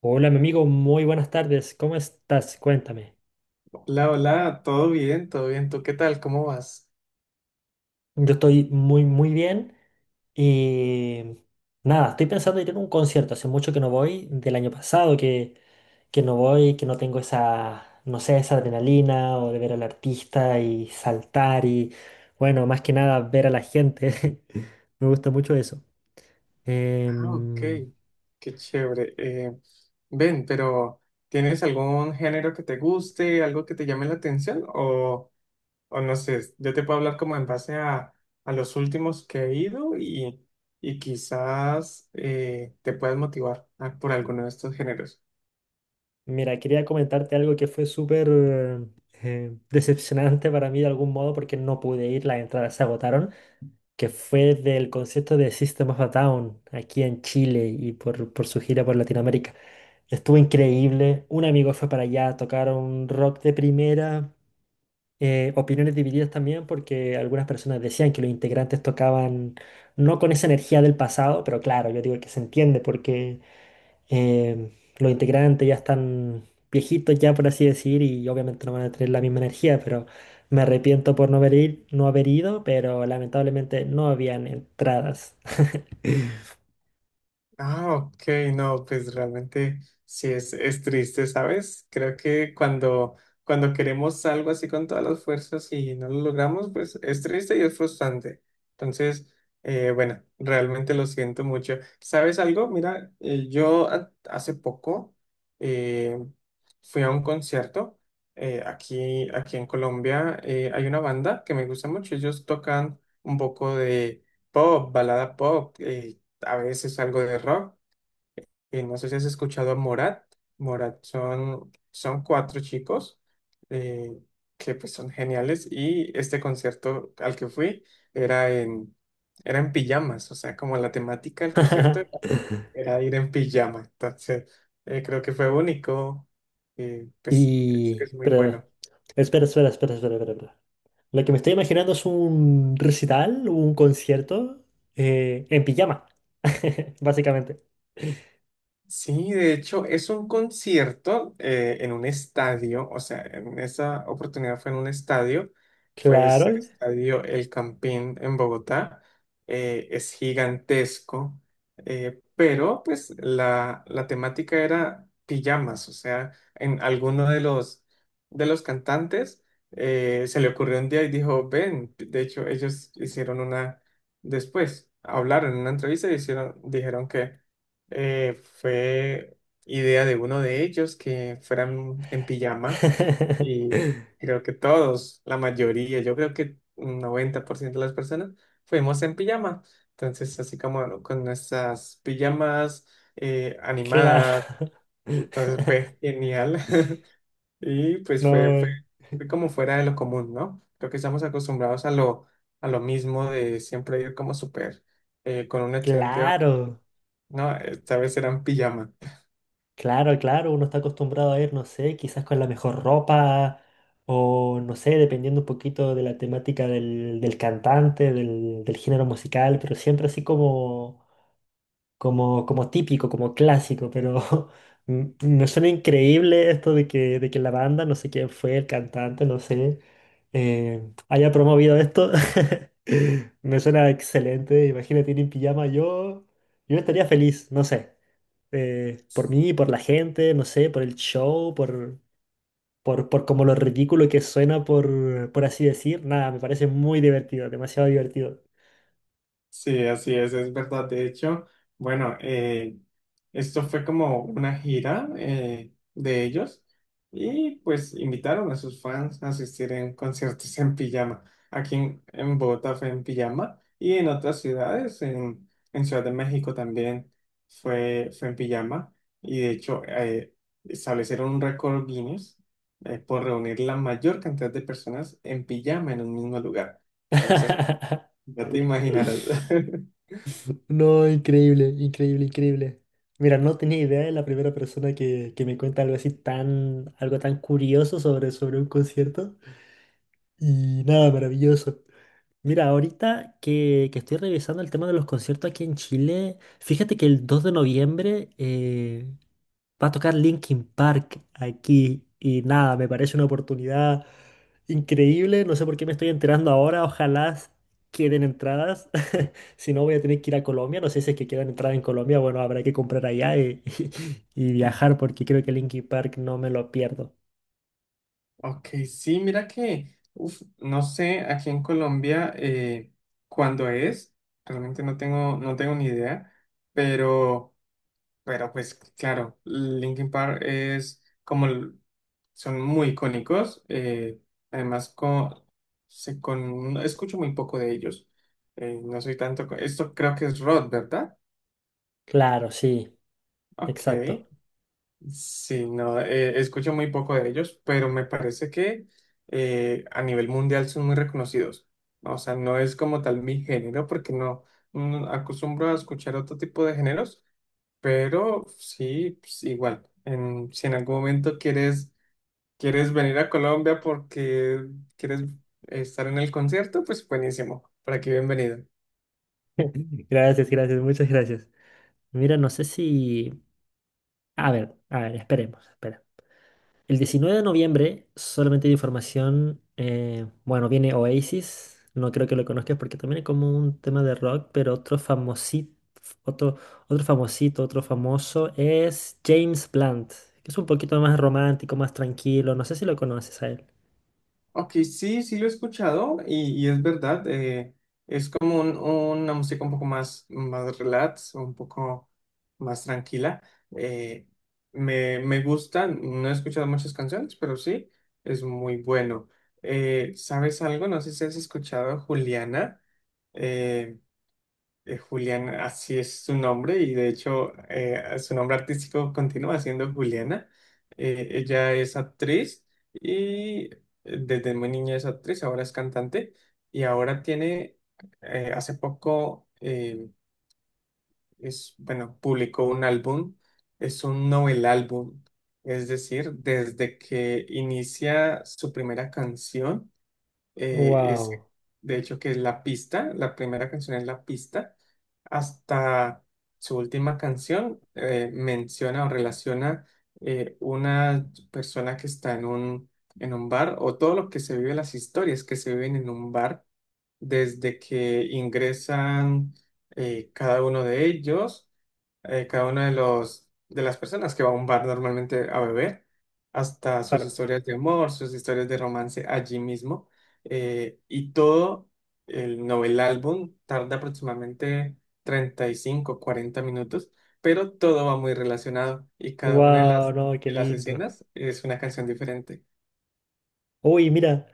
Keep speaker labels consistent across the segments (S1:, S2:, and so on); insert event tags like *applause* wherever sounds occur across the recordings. S1: Hola, mi amigo, muy buenas tardes. ¿Cómo estás? Cuéntame.
S2: Hola, hola, todo bien, todo bien. ¿Tú qué tal? ¿Cómo vas?
S1: Yo estoy muy bien y nada, estoy pensando en ir a un concierto. Hace mucho que no voy, del año pasado, que no voy, que no tengo esa, no sé, esa adrenalina o de ver al artista y saltar y, bueno, más que nada ver a la gente. *laughs* Me gusta mucho eso.
S2: Ah, ok,
S1: Em,
S2: qué chévere. Ven, pero ¿tienes algún género que te guste, algo que te llame la atención? O no sé, yo te puedo hablar como en base a los últimos que he ido y quizás te puedas motivar por alguno de estos géneros.
S1: Mira, quería comentarte algo que fue súper decepcionante para mí de algún modo porque no pude ir, las entradas se agotaron. Que fue del concierto de System of a Down aquí en Chile y por su gira por Latinoamérica. Estuvo increíble. Un amigo fue para allá, tocaron rock de primera. Opiniones divididas también porque algunas personas decían que los integrantes tocaban no con esa energía del pasado, pero claro, yo digo que se entiende porque eh, los integrantes ya están viejitos ya, por así decir, y obviamente no van a tener la misma energía, pero me arrepiento por no haber, no haber ido, pero lamentablemente no habían entradas.
S2: Ah, ok, no, pues realmente sí es triste, ¿sabes? Creo que cuando queremos algo así con todas las fuerzas y no lo logramos, pues es triste y es frustrante. Entonces, bueno, realmente lo siento mucho. ¿Sabes algo? Mira, yo hace poco eh, fui a un concierto aquí en Colombia. Hay una banda que me gusta mucho, ellos tocan un poco de pop, balada pop. A veces algo de rock. Y no sé si has escuchado a Morat. Morat son cuatro chicos eh, que pues son geniales. Y este concierto al que fui era en, era en pijamas. O sea, como la temática del concierto era
S1: *laughs*
S2: ir en pijama. Entonces, creo que fue único. Y pues
S1: Y,
S2: es muy
S1: pero,
S2: bueno.
S1: espera. Lo que me estoy imaginando es un recital, un concierto en pijama, *laughs* básicamente.
S2: Sí, de hecho, es un concierto en un estadio, o sea, en esa oportunidad fue en un estadio, fue ese
S1: Claro.
S2: estadio El Campín en Bogotá, es gigantesco, pero pues la temática era pijamas, o sea, en alguno de los cantantes se le ocurrió un día y dijo, ven, de hecho, ellos después, hablaron en una entrevista y dijeron que fue idea de uno de ellos que fueran en pijama
S1: *laughs*
S2: y creo que todos, la mayoría, yo creo que un 90% de las personas fuimos en pijama. Entonces, así como con nuestras pijamas
S1: Claro.
S2: animadas, entonces fue genial *laughs* y pues
S1: No,
S2: fue como fuera de lo común, ¿no? Creo que estamos acostumbrados a lo mismo de siempre ir como súper con un excelente...
S1: claro.
S2: No, esta vez eran pijamas.
S1: Claro, claro, uno está acostumbrado a ir, no sé, quizás con la mejor ropa o no sé, dependiendo un poquito de la temática del cantante, del género musical, pero siempre así como, como típico, como clásico, pero *laughs* me suena increíble esto de que la banda, no sé quién fue el cantante, no sé, eh, haya promovido esto. *laughs* Me suena excelente, imagínate ir en pijama, yo estaría feliz, no sé por mí, por la gente, no sé, por el show, por como lo ridículo que suena, por así decir. Nada, me parece muy divertido, demasiado divertido.
S2: Sí, así es verdad. De hecho, bueno, esto fue como una gira de ellos y pues invitaron a sus fans a asistir en conciertos en pijama. En Bogotá fue en pijama y en otras ciudades, en Ciudad de México también fue en pijama y de hecho establecieron un récord Guinness por reunir la mayor cantidad de personas en pijama en un mismo lugar. Entonces,
S1: *laughs*
S2: ya te imaginarás. *laughs*
S1: No, increíble, increíble, increíble. Mira, no tenía idea de la primera persona que me cuenta algo así tan, algo tan curioso sobre, sobre un concierto. Y nada, maravilloso. Mira, ahorita que estoy revisando el tema de los conciertos aquí en Chile, fíjate que el 2 de noviembre va a tocar Linkin Park aquí y nada, me parece una oportunidad increíble. No sé por qué me estoy enterando ahora, ojalá queden entradas. *laughs* Si no, voy a tener que ir a Colombia. No sé si es que quedan entradas en Colombia, bueno, habrá que comprar allá y, *laughs* y viajar porque creo que Linkin Park no me lo pierdo.
S2: Ok, sí, mira que, uf, no sé, aquí en Colombia cuándo es, realmente no tengo, no tengo ni idea, pero, pero pues claro, Linkin Park es como, son muy icónicos, además escucho muy poco de ellos, no soy tanto, esto creo que es rock, ¿verdad?
S1: Claro, sí,
S2: Ok,
S1: exacto.
S2: sí, no, escucho muy poco de ellos, pero me parece que a nivel mundial son muy reconocidos. O sea, no es como tal mi género, porque no, mm, acostumbro a escuchar otro tipo de géneros, pero sí, pues, igual. Si en algún momento quieres venir a Colombia porque quieres estar en el concierto, pues buenísimo. Por aquí, bienvenido.
S1: Gracias, gracias, muchas gracias. Mira, no sé si... a ver, esperemos, espera. El 19 de noviembre, solamente de información, bueno, viene Oasis, no creo que lo conozcas porque también es como un tema de rock, pero otro, otro famosito, otro famoso es James Blunt, que es un poquito más romántico, más tranquilo, no sé si lo conoces a él.
S2: Ok, sí, sí lo he escuchado y es verdad, es como una música un poco más, más relax, un poco más tranquila. eh, me gusta, no he escuchado muchas canciones, pero sí, es muy bueno. ¿Sabes algo? No sé si has escuchado a Juliana. eh, Julián, así es su nombre y de hecho su nombre artístico continúa siendo Juliana. Ella es actriz y desde muy niña es actriz, ahora es cantante y ahora hace poco, es, bueno, publicó un álbum, es un novel álbum, es decir, desde que inicia su primera canción es
S1: Wow.
S2: de hecho que es La Pista, la primera canción es La Pista, hasta su última canción menciona o relaciona una persona que está en en un bar o todo lo que se vive, las historias que se viven en un bar desde que ingresan eh, cada uno de ellos cada una de las personas que va a un bar normalmente a beber, hasta sus historias de amor, sus historias de romance allí mismo. Y todo el novel álbum tarda aproximadamente 35 40 minutos, pero todo va muy relacionado y cada una de
S1: Wow, no, qué
S2: de las
S1: lindo.
S2: escenas es una canción diferente.
S1: Uy, mira,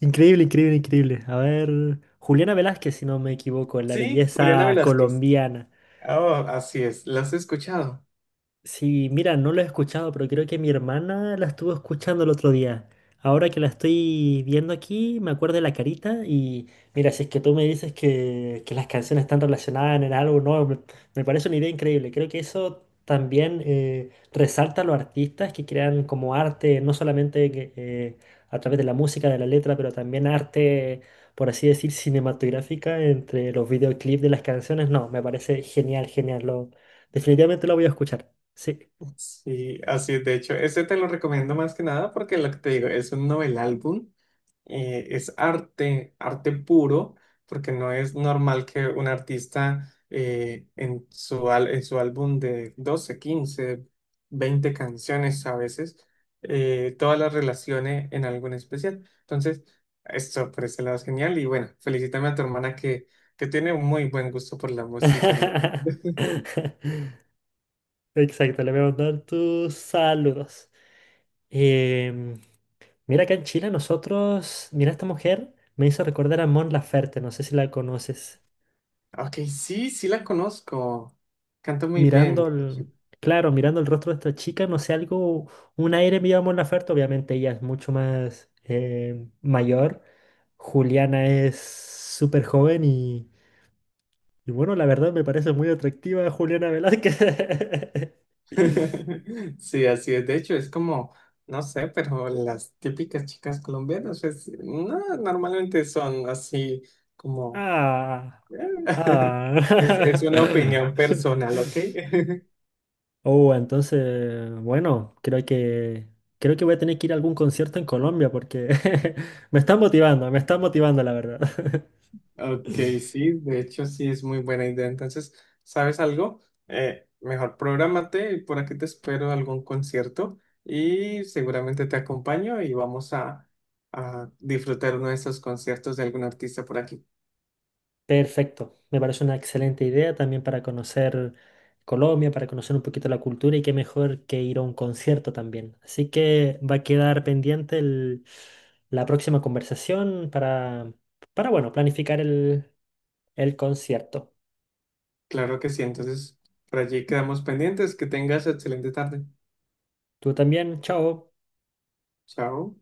S1: increíble, increíble, increíble. A ver, Juliana Velázquez, si no me equivoco, la
S2: Sí, Juliana
S1: belleza
S2: Velázquez.
S1: colombiana.
S2: Oh, así es, ¿las has escuchado?
S1: Sí, mira, no lo he escuchado, pero creo que mi hermana la estuvo escuchando el otro día. Ahora que la estoy viendo aquí, me acuerdo de la carita y mira, si es que tú me dices que las canciones están relacionadas en algo, no, me parece una idea increíble. Creo que eso también resalta a los artistas que crean como arte, no solamente que, a través de la música, de la letra, pero también arte, por así decir, cinematográfica entre los videoclips de las canciones. No, me parece genial, genial. Lo, definitivamente lo voy a escuchar. Sí.
S2: Sí, así es. De hecho, ese te lo recomiendo más que nada porque lo que te digo es un novel álbum es arte, arte puro, porque no es normal que un artista en en su álbum de 12 15 20 canciones a veces, todas las relacione en algo en especial. Entonces, esto por ese lado es genial y bueno, felicítame a tu hermana que tiene un muy buen gusto por la música.
S1: *laughs* Exacto, le voy a mandar tus saludos. Em, Mira, acá en Chile nosotros, mira, esta mujer me hizo recordar a Mon Laferte, no sé si la conoces.
S2: Ok, sí, sí la conozco, canta muy bien.
S1: Mirando el, claro, mirando el rostro de esta chica, no sé, algo, un aire medio a Mon Laferte, obviamente ella es mucho más mayor. Juliana es súper joven y bueno, la verdad me parece muy atractiva Juliana Velázquez. *laughs*
S2: *laughs* Sí, así es. De hecho, es como, no sé, pero las típicas chicas colombianas, pues, no, normalmente son así como...
S1: Ah.
S2: *laughs*
S1: Ah.
S2: Es una opinión
S1: *laughs*
S2: personal, ¿ok? *laughs*
S1: Oh, entonces, bueno, creo que voy a tener que ir a algún concierto en Colombia porque *laughs* me están motivando, la verdad.
S2: Ok, sí, de hecho sí es muy buena idea. Entonces, ¿sabes algo? Mejor prográmate y por aquí te espero algún concierto y seguramente te acompaño y vamos a disfrutar uno de esos conciertos de algún artista por aquí.
S1: *laughs* Perfecto, me parece una excelente idea también para conocer Colombia, para conocer un poquito la cultura y qué mejor que ir a un concierto también. Así que va a quedar pendiente la próxima conversación para bueno, planificar el concierto.
S2: Claro que sí, entonces por allí quedamos pendientes. Que tengas excelente tarde.
S1: Tú también, chao.
S2: Chao.